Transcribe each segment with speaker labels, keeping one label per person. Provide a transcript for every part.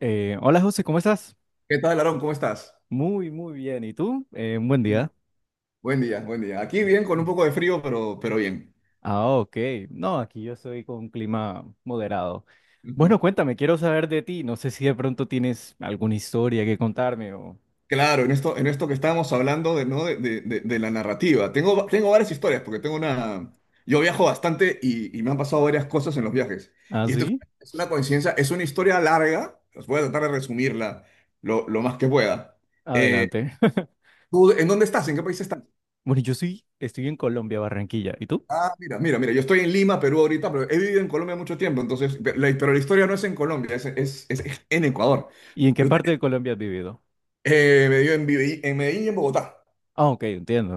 Speaker 1: Hola José, ¿cómo estás?
Speaker 2: ¿Qué tal, Aarón? ¿Cómo estás?
Speaker 1: Muy, muy bien. ¿Y tú? Un buen día.
Speaker 2: Buen día, buen día. Aquí bien, con un poco de frío, pero bien.
Speaker 1: Ah, ok. No, aquí yo soy con un clima moderado. Bueno, cuéntame, quiero saber de ti. No sé si de pronto tienes alguna historia que contarme o...
Speaker 2: Claro, en esto que estábamos hablando de, ¿no? de la narrativa. Tengo varias historias, porque tengo una... Yo viajo bastante y me han pasado varias cosas en los viajes.
Speaker 1: ¿Ah,
Speaker 2: Y esto es,
Speaker 1: sí?
Speaker 2: es una coincidencia, es una historia larga, os voy a tratar de resumirla lo más que pueda. Eh,
Speaker 1: Adelante.
Speaker 2: ¿Tú en dónde estás? ¿En qué país estás?
Speaker 1: Bueno, yo sí, estoy en Colombia, Barranquilla. ¿Y tú?
Speaker 2: Ah, mira, mira, mira, yo estoy en Lima, Perú ahorita, pero he vivido en Colombia mucho tiempo, entonces, pero la historia no es en Colombia, es en Ecuador.
Speaker 1: ¿Y en qué
Speaker 2: Yo te-
Speaker 1: parte de Colombia has vivido?
Speaker 2: me dio en Medellín y en Bogotá.
Speaker 1: Ah, ok,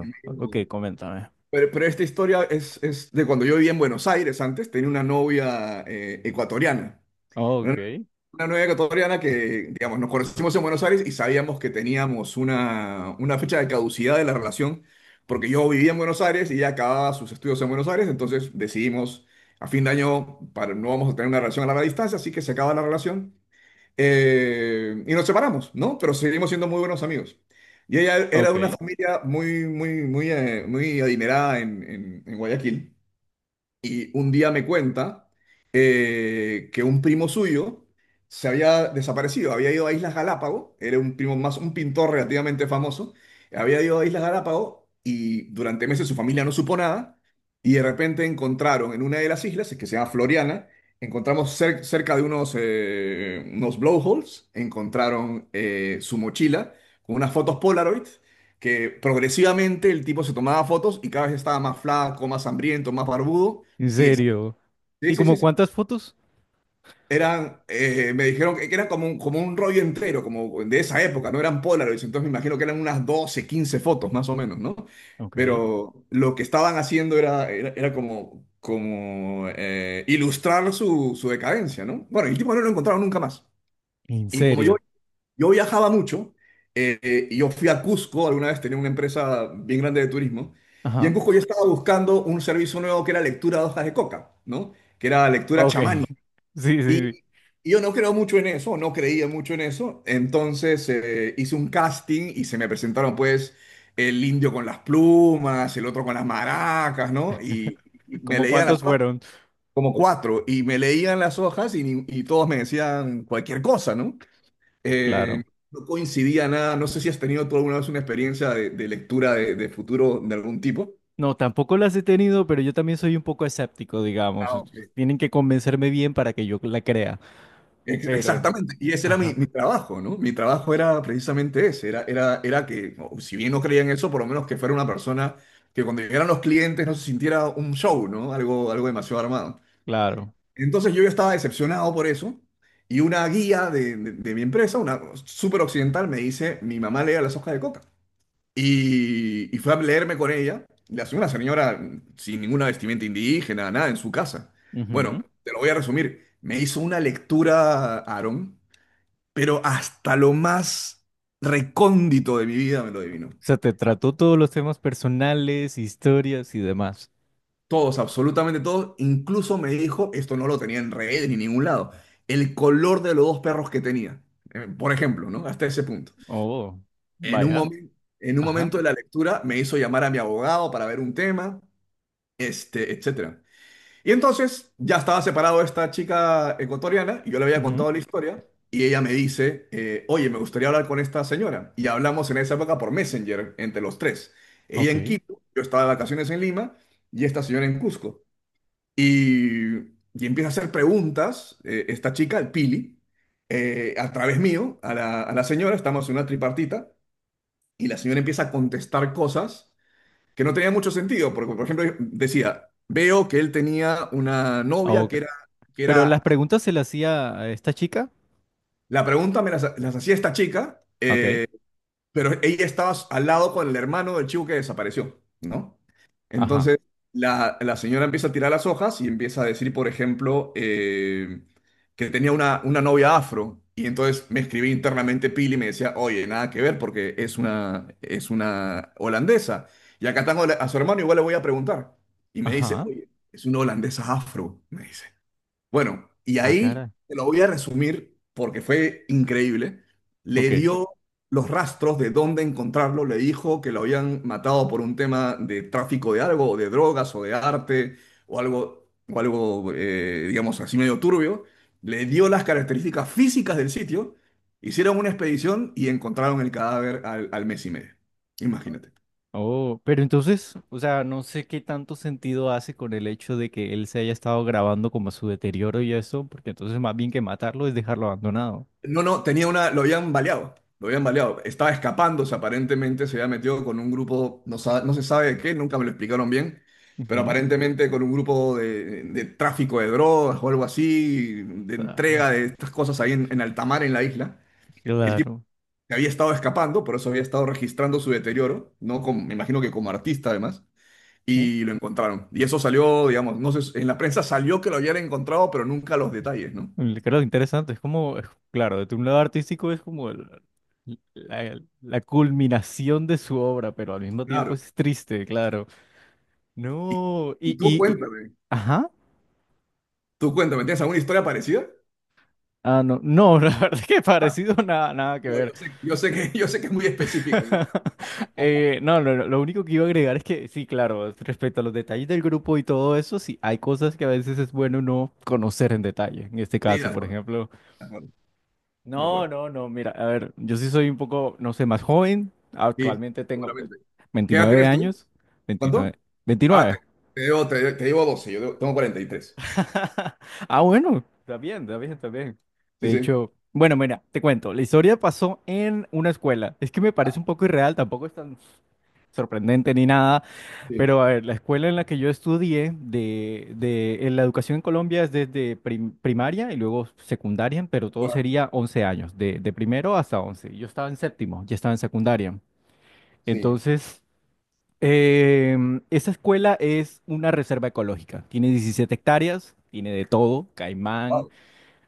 Speaker 2: En Medellín y en
Speaker 1: Ok,
Speaker 2: Bogotá.
Speaker 1: coméntame.
Speaker 2: Pero esta historia es de cuando yo vivía en Buenos Aires antes, tenía una novia ecuatoriana, una
Speaker 1: Ok,
Speaker 2: una novia ecuatoriana que, digamos, nos conocimos en Buenos Aires y sabíamos que teníamos una fecha de caducidad de la relación, porque yo vivía en Buenos Aires y ella acababa sus estudios en Buenos Aires, entonces decidimos a fin de año, para, no vamos a tener una relación a larga distancia, así que se acaba la relación y nos separamos, ¿no? Pero seguimos siendo muy buenos amigos. Y ella era de una
Speaker 1: ok.
Speaker 2: familia muy, muy, muy, muy adinerada en, en Guayaquil. Y un día me cuenta que un primo suyo se había desaparecido, había ido a Islas Galápagos, era un primo más, un pintor relativamente famoso, había ido a Islas Galápagos y durante meses su familia no supo nada y de repente encontraron en una de las islas, que se llama Floriana, encontramos cerca de unos blowholes, encontraron su mochila con unas fotos Polaroid que progresivamente el tipo se tomaba fotos y cada vez estaba más flaco, más hambriento, más barbudo
Speaker 1: ¿En
Speaker 2: y es-
Speaker 1: serio?
Speaker 2: sí,
Speaker 1: ¿Y
Speaker 2: sí, sí,
Speaker 1: como
Speaker 2: sí.
Speaker 1: cuántas fotos?
Speaker 2: Me dijeron que era como un rollo entero, como de esa época, no eran Polaroids, entonces me imagino que eran unas 12 15 fotos más o menos, ¿no?
Speaker 1: Ok.
Speaker 2: Pero lo que estaban haciendo era como, como ilustrar su, su decadencia, ¿no? Bueno, el tipo no lo encontraron nunca más.
Speaker 1: ¿En
Speaker 2: Y como yo,
Speaker 1: serio?
Speaker 2: yo viajaba mucho, y yo fui a Cusco, alguna vez tenía una empresa bien grande de turismo, y en
Speaker 1: Ajá.
Speaker 2: Cusco yo estaba buscando un servicio nuevo que era lectura de hojas de coca, ¿no? Que era lectura
Speaker 1: Ok.
Speaker 2: chamánica.
Speaker 1: Sí, sí, sí.
Speaker 2: Y, y yo no creo mucho en eso, no creía mucho en eso. Entonces hice un casting y se me presentaron pues el indio con las plumas, el otro con las maracas, ¿no? Y me
Speaker 1: ¿Cómo
Speaker 2: leían las
Speaker 1: cuántos
Speaker 2: hojas,
Speaker 1: fueron?
Speaker 2: como cuatro, y me leían las hojas y, ni- y todos me decían cualquier cosa, ¿no? Eh,
Speaker 1: Claro.
Speaker 2: no coincidía nada. No sé si has tenido tú alguna vez una experiencia de lectura de futuro de algún tipo.
Speaker 1: No, tampoco las he tenido, pero yo también soy un poco escéptico, digamos.
Speaker 2: Ah, ok.
Speaker 1: Entonces, tienen que convencerme bien para que yo la crea.
Speaker 2: Ex-
Speaker 1: Pero,
Speaker 2: Exactamente, y ese era mi,
Speaker 1: ajá,
Speaker 2: mi trabajo, ¿no? Mi trabajo era precisamente ese, era que, o si bien no creía en eso, por lo menos que fuera una persona que cuando llegaran los clientes no se sintiera un show, ¿no? Algo demasiado armado.
Speaker 1: claro.
Speaker 2: Entonces yo ya estaba decepcionado por eso, y una guía de mi empresa, una súper occidental, me dice, mi mamá lee las hojas de coca. Y fue a leerme con ella, la señora sin ninguna vestimenta indígena, nada, en su casa.
Speaker 1: Ujú.
Speaker 2: Bueno,
Speaker 1: O
Speaker 2: te lo voy a resumir, me hizo una lectura, Aaron, pero hasta lo más recóndito de mi vida me lo adivinó.
Speaker 1: sea, te trató todos los temas personales, historias y demás.
Speaker 2: Todos, absolutamente todos. Incluso me dijo, esto no lo tenía en redes ni en ningún lado, el color de los dos perros que tenía. Por ejemplo, ¿no? Hasta ese punto.
Speaker 1: Oh,
Speaker 2: En un
Speaker 1: vaya.
Speaker 2: momen- en un
Speaker 1: Ajá.
Speaker 2: momento de la lectura me hizo llamar a mi abogado para ver un tema, este, etcétera. Y entonces ya estaba separado esta chica ecuatoriana y yo le había
Speaker 1: Ujú.
Speaker 2: contado la historia y ella me dice, oye, me gustaría hablar con esta señora. Y hablamos en esa época por Messenger entre los tres. Ella en
Speaker 1: Ok.
Speaker 2: Quito, yo estaba de vacaciones en Lima y esta señora en Cusco. Y, y empieza a hacer preguntas, esta chica, el Pili, a través mío, a la señora, estamos en una tripartita y la señora empieza a contestar cosas que no tenía mucho sentido, porque por ejemplo decía, veo que él tenía una
Speaker 1: Ah,
Speaker 2: novia
Speaker 1: ok.
Speaker 2: que
Speaker 1: Pero las
Speaker 2: era,
Speaker 1: preguntas se las hacía a esta chica.
Speaker 2: la pregunta me las hacía esta chica,
Speaker 1: Ok.
Speaker 2: pero ella estaba al lado con el hermano del chico que desapareció, ¿no?
Speaker 1: Ajá.
Speaker 2: Entonces, la señora empieza a tirar las hojas y empieza a decir, por ejemplo, que tenía una novia afro. Y entonces me escribí internamente Pili y me decía, oye, nada que ver porque es una holandesa. Y acá tengo a su hermano, igual le voy a preguntar. Y me dice,
Speaker 1: Ajá.
Speaker 2: oye, es una holandesa afro, me dice. Bueno, y
Speaker 1: Ah,
Speaker 2: ahí
Speaker 1: cara.
Speaker 2: te lo voy a resumir porque fue increíble. Le
Speaker 1: Ok.
Speaker 2: dio los rastros de dónde encontrarlo, le dijo que lo habían matado por un tema de tráfico de algo, o de drogas, o de arte, o algo, digamos así medio turbio. Le dio las características físicas del sitio, hicieron una expedición y encontraron el cadáver al mes y medio. Imagínate.
Speaker 1: Oh, pero entonces, o sea, no sé qué tanto sentido hace con el hecho de que él se haya estado grabando como su deterioro y eso, porque entonces más bien que matarlo es dejarlo abandonado.
Speaker 2: No, no, tenía una, lo habían baleado, lo habían baleado. Estaba escapándose, aparentemente se había metido con un grupo, no se sabe de qué, nunca me lo explicaron bien, pero
Speaker 1: Ujú.
Speaker 2: aparentemente con un grupo de tráfico de drogas o algo así, de
Speaker 1: Ah,
Speaker 2: entrega de estas cosas ahí en alta mar, en la isla. El tipo
Speaker 1: claro.
Speaker 2: se había estado escapando, por eso había estado registrando su deterioro, ¿no? Me imagino que como artista además,
Speaker 1: Uf,
Speaker 2: y lo encontraron. Y eso salió, digamos, no sé, en la prensa salió que lo habían encontrado, pero nunca los detalles, ¿no?
Speaker 1: claro, interesante. Es como, claro, desde un lado artístico es como la, la culminación de su obra, pero al mismo tiempo
Speaker 2: Claro.
Speaker 1: es triste, claro.
Speaker 2: Y
Speaker 1: No,
Speaker 2: y tú cuéntame.
Speaker 1: ajá.
Speaker 2: Tú cuéntame, ¿tienes alguna historia parecida?
Speaker 1: Ah, no, no, la verdad es que parecido nada, nada que
Speaker 2: No,
Speaker 1: ver.
Speaker 2: yo sé, yo sé que es muy específica, ¿no?
Speaker 1: No, no, no, lo único que iba a agregar es que sí, claro, respecto a los detalles del grupo y todo eso, sí, hay cosas que a veces es bueno no conocer en detalle. En este
Speaker 2: Sí, de
Speaker 1: caso, por
Speaker 2: acuerdo,
Speaker 1: ejemplo,
Speaker 2: de acuerdo, de
Speaker 1: no,
Speaker 2: acuerdo.
Speaker 1: no, no, mira, a ver, yo sí soy un poco, no sé, más joven.
Speaker 2: Sí,
Speaker 1: Actualmente tengo pues,
Speaker 2: seguramente. ¿Qué edad
Speaker 1: 29
Speaker 2: tienes tú?
Speaker 1: años.
Speaker 2: ¿Cuánto?
Speaker 1: 29.
Speaker 2: Ah,
Speaker 1: 29.
Speaker 2: te debo 12, tengo 43.
Speaker 1: Ah, bueno, está bien, está bien, está bien.
Speaker 2: Sí,
Speaker 1: De
Speaker 2: sí,
Speaker 1: hecho, bueno, mira, te cuento, la historia pasó en una escuela. Es que me parece un poco irreal, tampoco es tan sorprendente ni nada,
Speaker 2: sí,
Speaker 1: pero a ver, la escuela en la que yo estudié de en la educación en Colombia es desde primaria y luego secundaria, pero todo
Speaker 2: correcto.
Speaker 1: sería 11 años, de primero hasta once. Yo estaba en séptimo, ya estaba en secundaria.
Speaker 2: Sí.
Speaker 1: Entonces, esa escuela es una reserva ecológica, tiene 17 hectáreas, tiene de todo, caimán,
Speaker 2: Wow.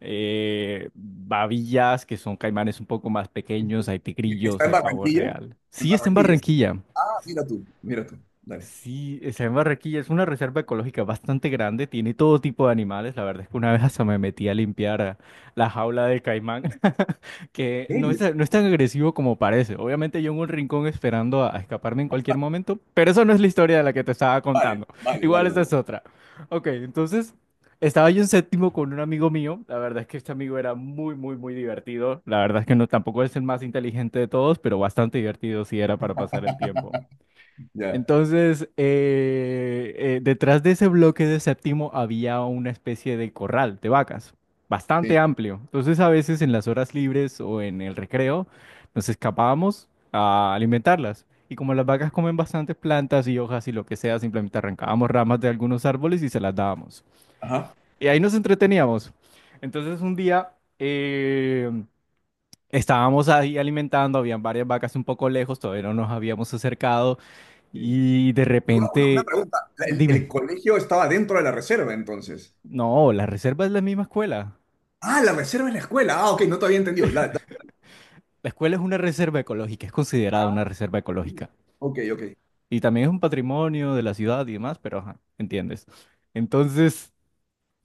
Speaker 1: babillas, que son caimanes un poco más pequeños, hay
Speaker 2: Está
Speaker 1: tigrillos,
Speaker 2: en
Speaker 1: hay pavo
Speaker 2: Barranquilla,
Speaker 1: real.
Speaker 2: en
Speaker 1: Sí, está en
Speaker 2: Barranquilla.
Speaker 1: Barranquilla.
Speaker 2: Ah, mira tú, dale.
Speaker 1: Sí, está en Barranquilla, es una reserva ecológica bastante grande, tiene todo tipo de animales. La verdad es que una vez hasta me metí a limpiar ah, la jaula de caimán, que
Speaker 2: ¿En
Speaker 1: no
Speaker 2: serio?
Speaker 1: es, no es tan agresivo como parece. Obviamente yo en un rincón esperando a escaparme en cualquier momento, pero eso no es la historia de la que te estaba
Speaker 2: Vale,
Speaker 1: contando.
Speaker 2: vale, vale,
Speaker 1: Igual esa
Speaker 2: vale.
Speaker 1: es
Speaker 2: Vale.
Speaker 1: otra. Ok, entonces estaba yo en séptimo con un amigo mío. La verdad es que este amigo era muy, muy, muy divertido. La verdad es que no, tampoco es el más inteligente de todos, pero bastante divertido si era para pasar el tiempo.
Speaker 2: Ya,
Speaker 1: Entonces, detrás de ese bloque de séptimo había una especie de corral de vacas, bastante
Speaker 2: sí.
Speaker 1: amplio. Entonces, a veces en las horas libres o en el recreo, nos escapábamos a alimentarlas. Y como las vacas comen bastantes plantas y hojas y lo que sea, simplemente arrancábamos ramas de algunos árboles y se las dábamos.
Speaker 2: Ajá.
Speaker 1: Y ahí nos entreteníamos. Entonces, un día eh, estábamos ahí alimentando, habían varias vacas un poco lejos, todavía no nos habíamos acercado.
Speaker 2: Sí.
Speaker 1: Y de
Speaker 2: Una
Speaker 1: repente,
Speaker 2: pregunta, ¿el
Speaker 1: dime,
Speaker 2: colegio estaba dentro de la reserva entonces?
Speaker 1: no, la reserva es la misma escuela.
Speaker 2: Ah, la reserva es la escuela. Ah, ok, no te había entendido.
Speaker 1: La escuela es una reserva ecológica, es considerada
Speaker 2: Ah,
Speaker 1: una reserva
Speaker 2: mira.
Speaker 1: ecológica.
Speaker 2: Ok, ok.
Speaker 1: Y también es un patrimonio de la ciudad y demás, pero ajá, entiendes. Entonces,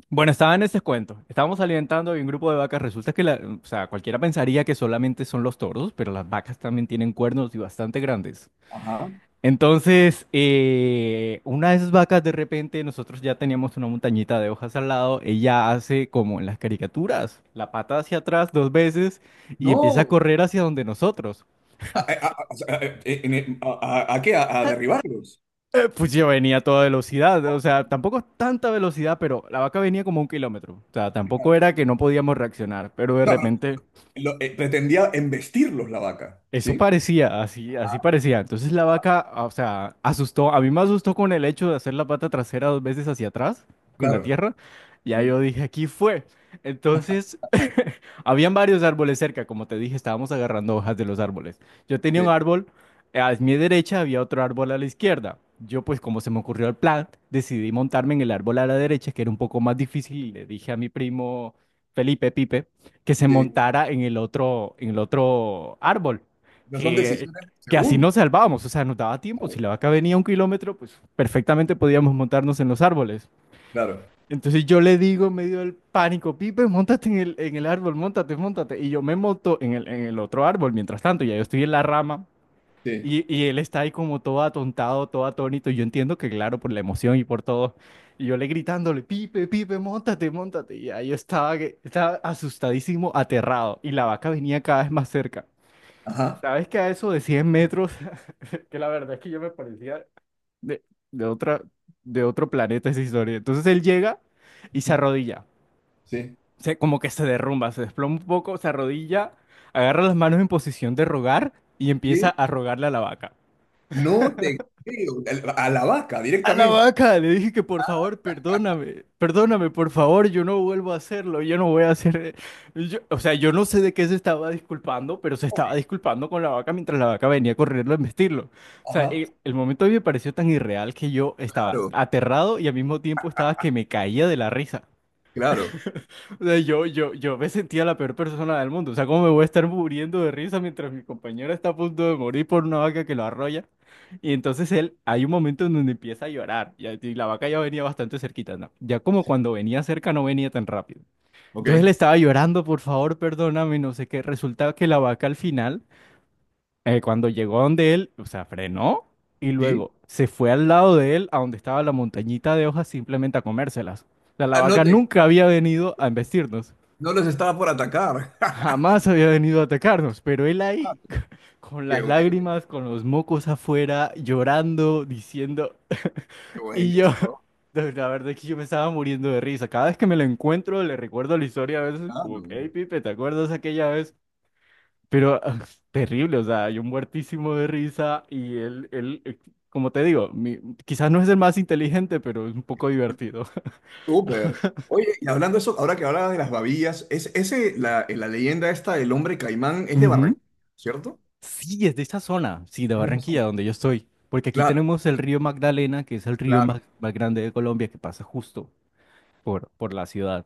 Speaker 1: bueno, estaba en ese cuento. Estábamos alimentando y un grupo de vacas. Resulta que o sea, cualquiera pensaría que solamente son los toros, pero las vacas también tienen cuernos y bastante grandes.
Speaker 2: Ajá.
Speaker 1: Entonces, una de esas vacas de repente, nosotros ya teníamos una montañita de hojas al lado, ella hace como en las caricaturas, la pata hacia atrás dos veces y empieza a
Speaker 2: No.
Speaker 1: correr hacia donde nosotros.
Speaker 2: ¿A, a- a- a- en- a- ¿a qué? ¿A derribarlos?
Speaker 1: Pues yo venía a toda velocidad, o sea, tampoco tanta velocidad, pero la vaca venía como un kilómetro, o sea, tampoco
Speaker 2: Claro.
Speaker 1: era que no podíamos reaccionar, pero de
Speaker 2: No, pero
Speaker 1: repente
Speaker 2: pretendía embestirlos la vaca,
Speaker 1: eso
Speaker 2: ¿sí?
Speaker 1: parecía, así, así parecía. Entonces la vaca, ah, o sea, asustó. A mí me asustó con el hecho de hacer la pata trasera dos veces hacia atrás, con la
Speaker 2: Claro.
Speaker 1: tierra. Ya
Speaker 2: Sí,
Speaker 1: yo dije, aquí fue. Entonces, habían varios árboles cerca. Como te dije, estábamos agarrando hojas de los árboles. Yo tenía un
Speaker 2: sí,
Speaker 1: árbol, a mi derecha había otro árbol a la izquierda. Yo, pues, como se me ocurrió el plan, decidí montarme en el árbol a la derecha, que era un poco más difícil. Y le dije a mi primo Felipe Pipe que se
Speaker 2: sí.
Speaker 1: montara en el otro árbol,
Speaker 2: No son
Speaker 1: que,
Speaker 2: decisiones de
Speaker 1: que así
Speaker 2: segundo.
Speaker 1: nos salvábamos, o sea, nos daba tiempo, si
Speaker 2: Claro,
Speaker 1: la vaca venía un kilómetro, pues perfectamente podíamos montarnos en los árboles.
Speaker 2: claro.
Speaker 1: Entonces yo le digo en medio del pánico, Pipe, montate en en el árbol, montate, montate. Y yo me monto en en el otro árbol, mientras tanto, ya yo estoy en la rama
Speaker 2: Sí.
Speaker 1: y él está ahí como todo atontado, todo atónito. Y yo entiendo que, claro, por la emoción y por todo. Y yo le gritándole, Pipe, Pipe, montate, montate. Y ahí yo estaba, estaba asustadísimo, aterrado. Y la vaca venía cada vez más cerca.
Speaker 2: Ajá.
Speaker 1: ¿Sabes que a eso de 100 metros? Que la verdad es que yo me parecía de, de otra, de otro planeta esa historia. Entonces él llega y se arrodilla,
Speaker 2: Sí.
Speaker 1: se, como que se derrumba, se desploma un poco, se arrodilla, agarra las manos en posición de rogar y empieza
Speaker 2: Sí.
Speaker 1: a rogarle a la vaca.
Speaker 2: No te creo. A la vaca
Speaker 1: A la
Speaker 2: directamente.
Speaker 1: vaca, le dije que por favor, perdóname, perdóname, por favor, yo no vuelvo a hacerlo, yo no voy a hacer... o sea, yo no sé de qué se estaba disculpando, pero se estaba disculpando con la vaca mientras la vaca venía corriendo a embestirlo. O sea,
Speaker 2: Ajá.
Speaker 1: el momento a mí me pareció tan irreal que yo estaba
Speaker 2: Claro,
Speaker 1: aterrado y al mismo tiempo estaba que me caía de la risa.
Speaker 2: claro.
Speaker 1: O sea, yo me sentía la peor persona del mundo. O sea, ¿cómo me voy a estar muriendo de risa mientras mi compañera está a punto de morir por una vaca que lo arrolla? Y entonces él, hay un momento en donde empieza a llorar. Y la vaca ya venía bastante cerquita, ¿no? Ya como cuando venía cerca no venía tan rápido.
Speaker 2: Ok.
Speaker 1: Entonces le estaba llorando, por favor, perdóname, no sé qué. Resulta que la vaca al final, cuando llegó donde él, o sea, frenó y
Speaker 2: Sí.
Speaker 1: luego se fue al lado de él, a donde estaba la montañita de hojas, simplemente a comérselas. O sea, la
Speaker 2: Ah,
Speaker 1: vaca nunca había venido a embestirnos.
Speaker 2: no los estaba por atacar.
Speaker 1: Jamás había venido a atacarnos, pero él ahí, con
Speaker 2: Qué
Speaker 1: las
Speaker 2: bueno,
Speaker 1: lágrimas, con los mocos afuera, llorando, diciendo,
Speaker 2: qué bueno,
Speaker 1: y yo,
Speaker 2: eso,
Speaker 1: la verdad es que yo me estaba muriendo de risa. Cada vez que me lo encuentro, le recuerdo la historia a veces, como
Speaker 2: claro.
Speaker 1: que, hey, Pipe, ¿te acuerdas aquella vez? Pero ah, terrible, o sea, yo muertísimo de risa y él, como te digo, quizás no es el más inteligente, pero es un poco divertido.
Speaker 2: Súper. Oye, y hablando de eso, ahora que hablabas de las babillas, la leyenda esta del hombre caimán es de
Speaker 1: Ujú.
Speaker 2: Barranquilla, ¿cierto?
Speaker 1: Sí, es de esta zona, sí, de
Speaker 2: Es de esos
Speaker 1: Barranquilla,
Speaker 2: hombres.
Speaker 1: donde yo estoy. Porque aquí
Speaker 2: Claro,
Speaker 1: tenemos el río Magdalena, que es el río más,
Speaker 2: claro.
Speaker 1: más grande de Colombia, que pasa justo por la ciudad.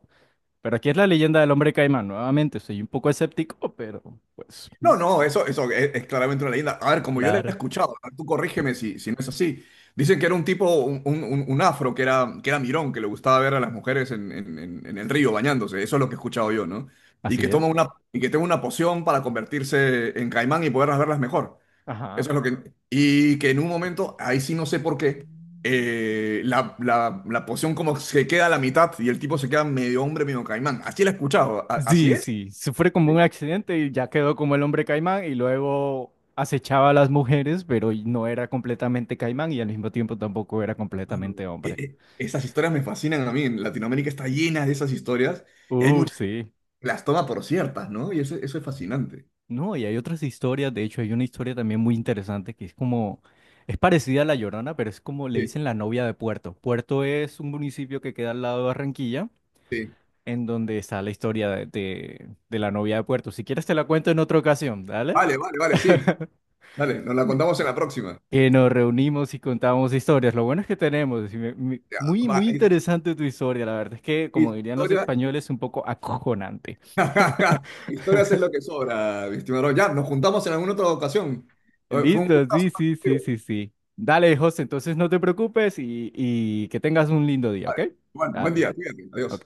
Speaker 1: Pero aquí es la leyenda del hombre caimán. Nuevamente, soy un poco escéptico, pero pues, mm,
Speaker 2: No, no, eso es claramente una leyenda. A ver, como yo la he
Speaker 1: claro,
Speaker 2: escuchado, a ver, tú corrígeme si no es así. Dicen que era un tipo, un afro que era mirón, que le gustaba ver a las mujeres en, en el río bañándose. Eso es lo que he escuchado yo, ¿no? Y
Speaker 1: así
Speaker 2: que
Speaker 1: es.
Speaker 2: toma una poción para convertirse en caimán y poderlas verlas mejor.
Speaker 1: Ajá.
Speaker 2: Eso es lo que... Y que en un momento, ahí sí no sé por qué, la poción como se queda a la mitad y el tipo se queda medio hombre, medio caimán. Así la he escuchado, así
Speaker 1: Sí,
Speaker 2: es.
Speaker 1: sí, sufre como un
Speaker 2: Sí,
Speaker 1: accidente y ya quedó como el hombre caimán y luego acechaba a las mujeres, pero y no era completamente caimán y al mismo tiempo tampoco era
Speaker 2: claro.
Speaker 1: completamente hombre.
Speaker 2: Esas historias me fascinan a mí. En Latinoamérica está llena de esas historias y hay
Speaker 1: Uf,
Speaker 2: muchas
Speaker 1: sí.
Speaker 2: que las toma por ciertas, ¿no? Y eso es fascinante.
Speaker 1: No, y hay otras historias, de hecho hay una historia también muy interesante que es como, es parecida a La Llorona, pero es como le
Speaker 2: Sí,
Speaker 1: dicen la novia de Puerto. Puerto es un municipio que queda al lado de Barranquilla,
Speaker 2: sí.
Speaker 1: en donde está la historia de, de la novia de Puerto. Si quieres te la cuento en otra ocasión, ¿dale?
Speaker 2: Vale, vale, vale, sí. Dale, nos la contamos en la próxima.
Speaker 1: Que nos reunimos y contamos historias. Lo bueno es que tenemos, y
Speaker 2: Ya,
Speaker 1: muy,
Speaker 2: va,
Speaker 1: muy interesante tu historia, la verdad es que, como dirían los
Speaker 2: Historia
Speaker 1: españoles, un poco acojonante.
Speaker 2: Historias es lo que sobra, mi estimado. Ya, nos juntamos en alguna otra ocasión. Fue un
Speaker 1: Listo,
Speaker 2: gustazo
Speaker 1: sí,
Speaker 2: estar
Speaker 1: sí, sí,
Speaker 2: contigo,
Speaker 1: sí, sí. Dale, José, entonces no te preocupes y que tengas un lindo día, ¿ok?
Speaker 2: compadre. Bueno, buen
Speaker 1: Dale,
Speaker 2: día, cuídate, adiós.
Speaker 1: ok.